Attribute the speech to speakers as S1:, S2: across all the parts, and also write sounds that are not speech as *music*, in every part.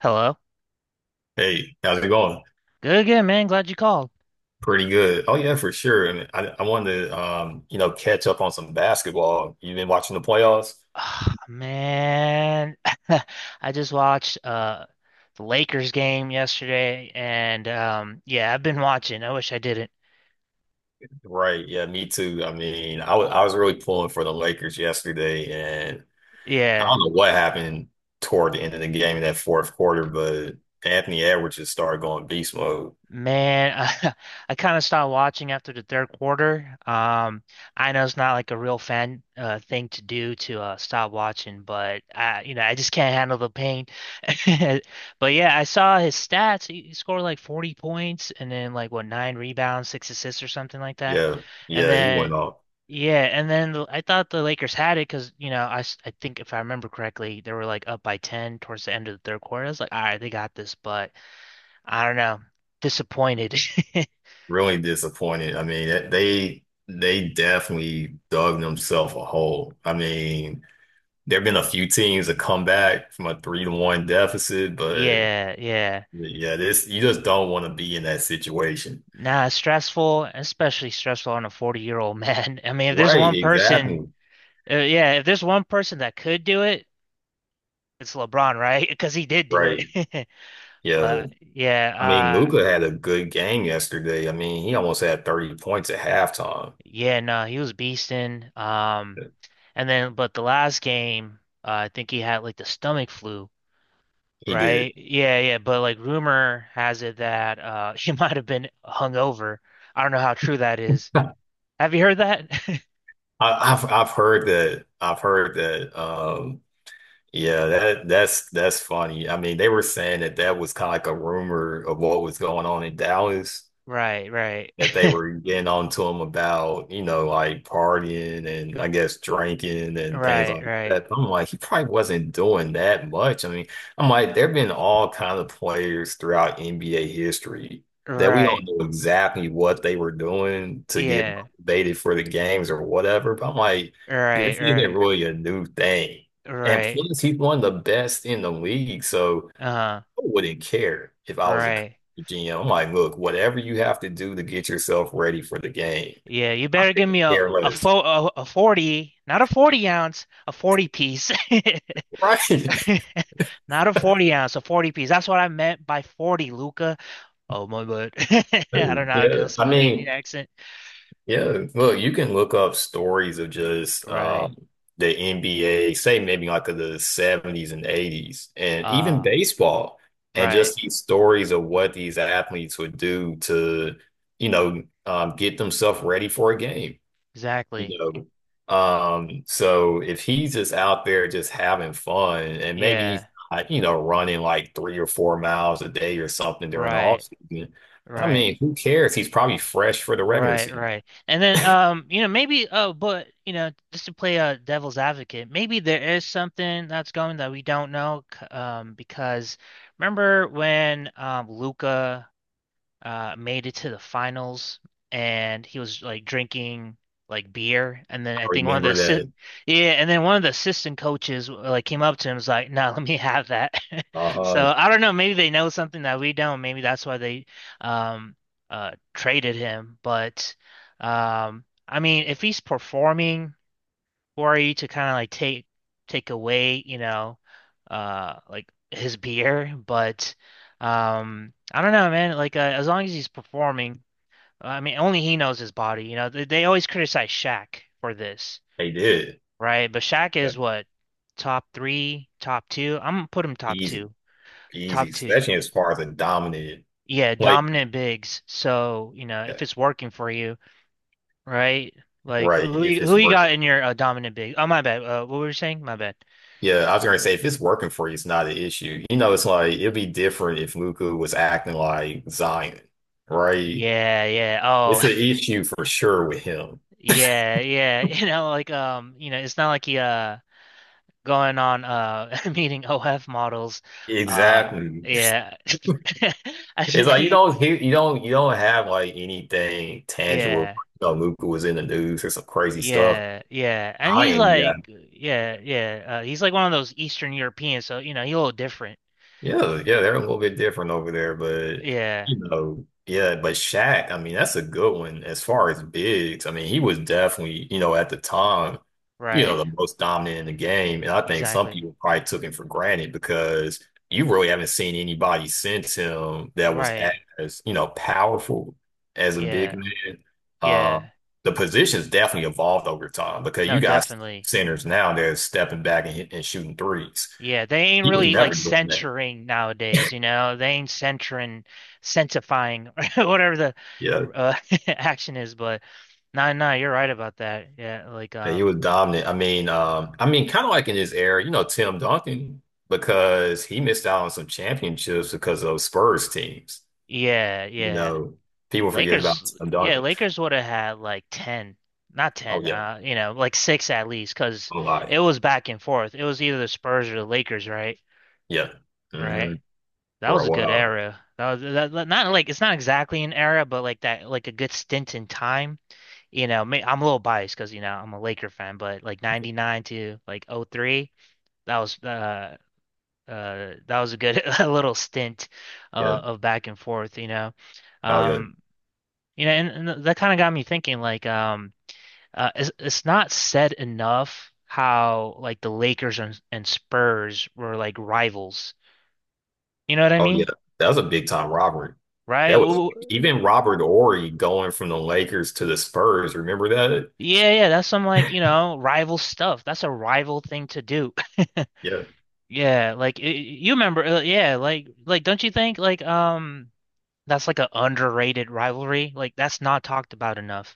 S1: Hello.
S2: Hey, how's it going?
S1: Good again, man. Glad you called.
S2: Pretty good. Oh yeah, for sure. And I wanted to, catch up on some basketball. You've been watching the playoffs?
S1: Ah, man, *laughs* I just watched the Lakers game yesterday and yeah, I've been watching. I wish I didn't.
S2: Right. Yeah, me too. I mean, I was really pulling for the Lakers yesterday, and I
S1: Yeah.
S2: don't know what happened toward the end of the game in that fourth quarter, but Anthony Edwards just started going beast mode.
S1: Man, *laughs* I, I kind of stopped watching after the third quarter. I know it's not like a real fan thing to do to stop watching, but I, you know, I just can't handle the pain. *laughs* But yeah, I saw his stats. He scored like 40 points and then like what nine rebounds, six assists or something like that.
S2: Yeah,
S1: And
S2: yeah, he went
S1: then
S2: off.
S1: yeah, and then I thought the Lakers had it because you know I think if I remember correctly, they were like up by 10 towards the end of the third quarter. I was like, all right, they got this, but. I don't know. Disappointed. *laughs*
S2: Really disappointed. I mean, they definitely dug themselves a hole. I mean, there have been a few teams that come back from a 3-1 deficit, but
S1: Yeah, yeah.
S2: yeah, this you just don't want to be in that situation.
S1: Nah, it's stressful, especially stressful on a 40-year-old man. *laughs* I mean, if there's
S2: Right,
S1: one person,
S2: exactly.
S1: yeah, if there's one person that could do it, it's LeBron, right? *laughs* Because he did do
S2: Right.
S1: it. *laughs*
S2: Yeah.
S1: But
S2: I mean,
S1: yeah,
S2: Luca had a good game yesterday. I mean, he almost had 30 points at halftime.
S1: yeah, no, he was beasting. And then but the last game, I think he had like the stomach flu,
S2: He did.
S1: right? Yeah, yeah, but like rumor has it that *laughs* he might have been hungover. I don't know how true that is.
S2: *laughs* I,
S1: Have you heard that? *laughs*
S2: I've heard that. I've heard that. Yeah, that's funny. I mean, they were saying that that was kind of like a rumor of what was going on in Dallas,
S1: Right, right,
S2: that they were getting on to him about, you know, like partying and I guess drinking
S1: *laughs*
S2: and things
S1: right,
S2: like
S1: right,
S2: that. I'm like, he probably wasn't doing that much. I mean, I'm like, there have been all kind of players throughout NBA history that we
S1: right.
S2: don't know exactly what they were doing to get
S1: Yeah,
S2: motivated for the games or whatever. But I'm like,
S1: right,
S2: this isn't
S1: right,
S2: really a new thing. And
S1: right.
S2: plus, he's one of the best in the league. So,
S1: Uh,
S2: wouldn't care if I was a
S1: right.
S2: GM. I'm like, look, whatever you have to do to get yourself ready for the game,
S1: Yeah, you
S2: I
S1: better give
S2: couldn't
S1: me
S2: care
S1: a a,
S2: less.
S1: fo a, a 40, not a 40 ounce, a 40 piece. *laughs* *laughs*
S2: Right. *laughs*
S1: Not a 40 ounce, a 40 piece. That's what I meant by 40, Luca. Oh my God. *laughs* I don't know how to do
S2: Yeah.
S1: a
S2: I
S1: Slovenian
S2: mean,
S1: accent.
S2: yeah, look, you can look up stories of just
S1: Right.
S2: the NBA, say maybe like of the 70s and 80s, and even
S1: Uh,
S2: baseball, and
S1: right.
S2: just these stories of what these athletes would do to, you know, get themselves ready for a game, you
S1: Exactly.
S2: know. So if he's just out there just having fun and maybe he's
S1: Yeah.
S2: not, you know, running like 3 or 4 miles a day or something during the
S1: Right.
S2: off season, I
S1: Right.
S2: mean, who cares? He's probably fresh for the regular
S1: Right,
S2: season.
S1: right. And then you know, maybe oh, but you know, just to play a devil's advocate, maybe there is something that's going that we don't know because remember when Luca made it to the finals, and he was like drinking like beer, and then
S2: I
S1: I think one of the
S2: remember
S1: assi-
S2: that.
S1: yeah, and then one of the assistant coaches like came up to him and was like, "No, *laughs* let me have that." *laughs*
S2: Uh-huh.
S1: So I don't know. Maybe they know something that we don't. Maybe that's why they um traded him. But I mean, if he's performing for you to kind of like take away, you know, like his beer, but I don't know, man, like as long as he's performing, I mean only he knows his body, you know. They always criticize Shaq for this,
S2: They did.
S1: right? But Shaq
S2: Yeah,
S1: is what top 3, top 2. I'm gonna put him top
S2: easy,
S1: 2.
S2: easy,
S1: Top 2.
S2: especially as far as a dominant
S1: Yeah,
S2: player.
S1: dominant bigs. So, you know, if
S2: Yeah,
S1: it's working for you, right? Like who
S2: right.
S1: who
S2: If
S1: you,
S2: it's
S1: who you
S2: working.
S1: got in your dominant big? Oh my bad. What were you saying? My bad.
S2: Yeah, I was gonna say if it's working for you, it's not an issue. You know, it's like it'd be different if Luka was acting like Zion, right?
S1: Yeah, yeah.
S2: It's
S1: Oh,
S2: an issue for sure with him.
S1: *laughs* yeah, yeah. *laughs* You know, like you know, it's not like he going on *laughs* meeting OF models. Uh
S2: Exactly.
S1: yeah. *laughs* I
S2: It's
S1: should-
S2: like you
S1: he
S2: don't hear, you don't have like anything tangible.
S1: yeah.
S2: You know, Luka was in the news or some crazy stuff.
S1: Yeah, yeah. And
S2: I
S1: he's
S2: am you
S1: like yeah, yeah. He's like one of those Eastern Europeans, so you know, he's a little different.
S2: yeah, yeah, they're a little bit different over there, but
S1: Yeah,
S2: you know, yeah, but Shaq, I mean, that's a good one as far as bigs. I mean, he was definitely, you know, at the time, you know,
S1: right.
S2: the most dominant in the game, and I think some
S1: Exactly.
S2: people probably took him for granted because you really haven't seen anybody since him that was
S1: Right.
S2: as, you know, powerful as a big
S1: Yeah.
S2: man. Uh,
S1: Yeah.
S2: the position's definitely evolved over time because
S1: No,
S2: you got
S1: definitely.
S2: centers now that are stepping back and, and shooting threes.
S1: Yeah, they ain't
S2: He was
S1: really like
S2: never doing that.
S1: censoring nowadays, you know. They ain't censoring, censorifying, *laughs* whatever the
S2: Yeah.
S1: uh, *laughs* action is. But no, no, you're right about that. Yeah, like
S2: Yeah, he was dominant. I mean, kind of like in his era, you know, Tim Duncan, because he missed out on some championships because of Spurs teams.
S1: yeah,
S2: You
S1: yeah.
S2: know, people forget about Tim
S1: Yeah,
S2: Duncan.
S1: Lakers would have had like ten, not
S2: Oh
S1: ten,
S2: yeah,
S1: you know, like six at least, because
S2: oh lie,
S1: it was back and forth. It was either the Spurs or the Lakers, right?
S2: yeah, hmm,
S1: Right. That
S2: for
S1: was
S2: a
S1: a good
S2: while,
S1: era. That was that, that- Not like it's not exactly an era, but like that, like a good stint in time you know, I'm a little biased because you know I'm a Laker fan, but like '99 to like '03, that was uh that was a good *laughs* a little stint
S2: yeah.
S1: of back and forth,
S2: Oh yeah,
S1: um, you know, and that kind of got me thinking like it's not said enough how like the Lakers and Spurs were like rivals, you know what I
S2: oh yeah.
S1: mean,
S2: That was a big time robbery.
S1: right?
S2: That was
S1: Ooh,
S2: even Robert Ory going from the Lakers to the Spurs. Remember that?
S1: yeah, yeah, that's some like you know rival stuff. That's a rival thing to do. *laughs*
S2: Yeah.
S1: Yeah, like you remember, yeah, like don't you think like that's like an underrated rivalry? Like that's not talked about enough.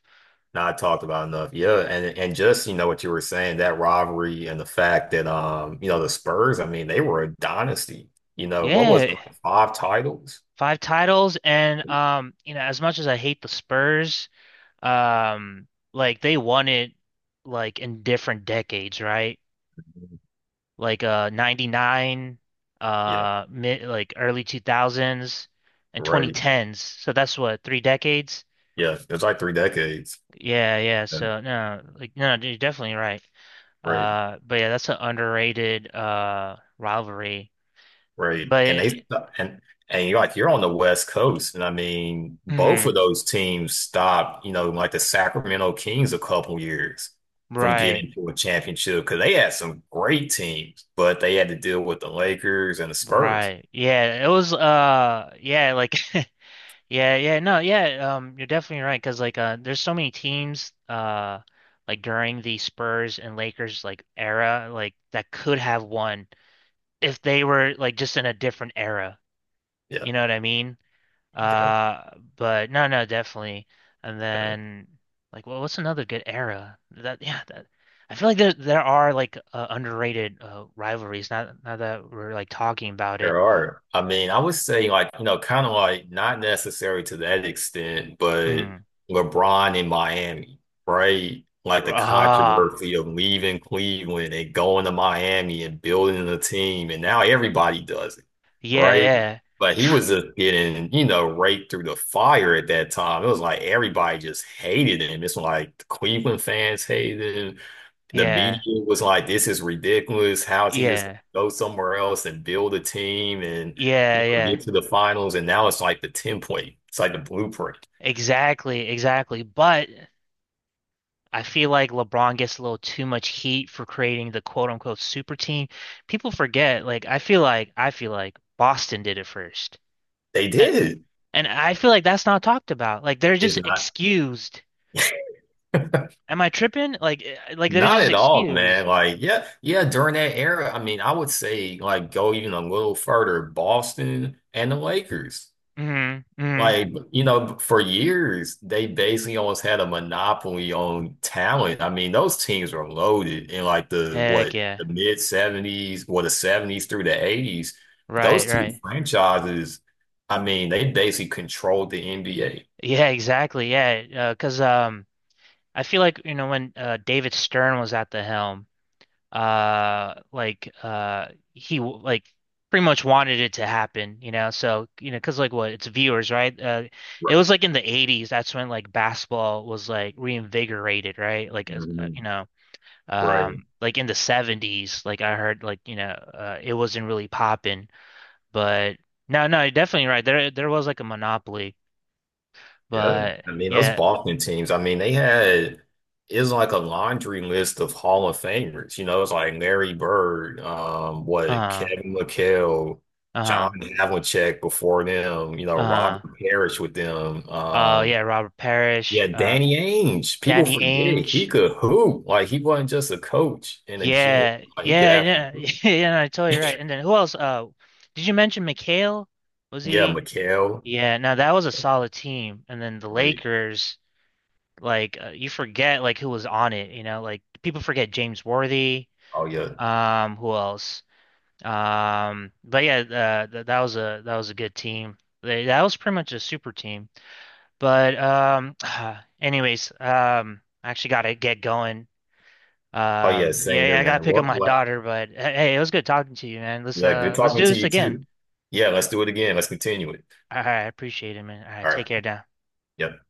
S2: Not talked about enough. Yeah, and just you know what you were saying, that rivalry and the fact that you know, the Spurs, I mean, they were a dynasty. You know, what was it,
S1: Yeah,
S2: like 5 titles?
S1: five titles and you know as much as I hate the Spurs, um like they won it like in different decades, right? Like 99
S2: Yeah,
S1: mid like early 2000s and
S2: right.
S1: 2010s. So that's what 3 decades.
S2: Yeah, it was like three decades.
S1: Yeah, yeah.
S2: Yeah,
S1: So no, like no, you're definitely right.
S2: right,
S1: But yeah, that's an underrated rivalry.
S2: right. And they
S1: But
S2: and and you're like you're on the West Coast, and I mean, both of
S1: mhm,
S2: those teams stopped, you know, like the Sacramento Kings a couple years from
S1: right,
S2: getting to a championship because they had some great teams, but they had to deal with the Lakers and the Spurs.
S1: right. Yeah, it was yeah, like *laughs* yeah, yeah. No, yeah. You're definitely right because like there's so many teams like during the Spurs and Lakers like era like that could have won
S2: Yeah,
S1: if they were like just in a different era.
S2: yeah,
S1: You know what I mean?
S2: yeah.
S1: Uh, but no, no, definitely. And then like, well, what's another good era? That Yeah, that I feel like there are like underrated rivalries. Not now that we're like talking about it.
S2: There are. I mean, I would say like, you know, kind of like not necessary to that extent, but
S1: Mm.
S2: LeBron in Miami, right? Like the
S1: Ah,
S2: controversy of leaving Cleveland and going to Miami and building a team, and now everybody does it,
S1: yeah,
S2: right?
S1: yeah,
S2: But he
S1: Tr
S2: was just getting, you know, raked through the fire at that time. It was like everybody just hated him. It's like the Cleveland fans hated him. The
S1: yeah,
S2: media was like, "This is ridiculous. How is he just
S1: yeah,
S2: gonna go somewhere else and build a team and you
S1: yeah,
S2: know
S1: yeah.
S2: get to the finals?" And now it's like the template. It's like the blueprint.
S1: Exactly, exactly. But I feel like LeBron gets a little too much heat for creating the quote unquote super team. People forget. Like I feel like Boston did it first.
S2: They
S1: A-
S2: did.
S1: And I feel like that's not talked about. Like they're
S2: It's
S1: just
S2: not
S1: excused.
S2: *laughs*
S1: Am I tripping? Like like they're
S2: not
S1: just
S2: at all,
S1: excused.
S2: man. Like, yeah, yeah. During that era, I mean, I would say like go even a little further, Boston and the Lakers.
S1: Hmm, hmm.
S2: Like, you know, for years, they basically almost had a monopoly on talent. I mean, those teams were loaded in like the
S1: Heck
S2: what,
S1: yeah.
S2: the mid 70s or the 70s through the 80s. Those
S1: Right,
S2: two
S1: right.
S2: franchises, I mean, they basically controlled the NBA.
S1: Yeah, exactly. Yeah, 'cause I feel like, you know, when David Stern was at the helm, like pretty much wanted it to happen, you know. So, you know, 'cause like what, it's viewers, right? It
S2: Right.
S1: was like in the 80s, that's when like basketball was like reinvigorated, right? Like you
S2: Mhm.
S1: know,
S2: Right.
S1: like in the 70s like I heard like you know it wasn't really popping, but no, no, you're definitely right, there was like a monopoly,
S2: Yeah.
S1: but
S2: I mean, those
S1: yeah,
S2: Boston teams, I mean, they had it's like a laundry list of Hall of Famers. You know, it's like Larry Bird, what
S1: uh
S2: Kevin McHale, John
S1: uh
S2: Havlicek before them, you know,
S1: uh
S2: Robert Parrish with them.
S1: oh yeah, Robert Parrish,
S2: Yeah, Danny Ainge. People
S1: Danny
S2: forget he
S1: Ainge,
S2: could hoop. Like he wasn't just a coach and a GM.
S1: yeah,
S2: Like he could
S1: yeah,
S2: actually
S1: yeah. *laughs*
S2: hoop.
S1: Yeah, no, I totally right, and then who else did you mention McHale, was
S2: Yeah,
S1: he
S2: McHale.
S1: yeah, no, that was a solid team, and then the
S2: Right.
S1: Lakers like you forget like who was on it, you know, like people forget James Worthy.
S2: Oh yeah.
S1: Who else? But yeah, th that was a good team. That was pretty much a super team. But *sighs* anyways, I actually gotta get going.
S2: Oh yeah, same
S1: Yeah,
S2: here,
S1: yeah, I gotta
S2: man.
S1: pick up my
S2: What
S1: daughter. But hey, hey, it was good talking to you, man. Let's
S2: yeah, good
S1: uh, let's
S2: talking
S1: do
S2: to
S1: this
S2: you
S1: again.
S2: too. Yeah, let's do it again. Let's continue it.
S1: All right, I appreciate it, man. All right,
S2: All right.
S1: take care now.
S2: Yep.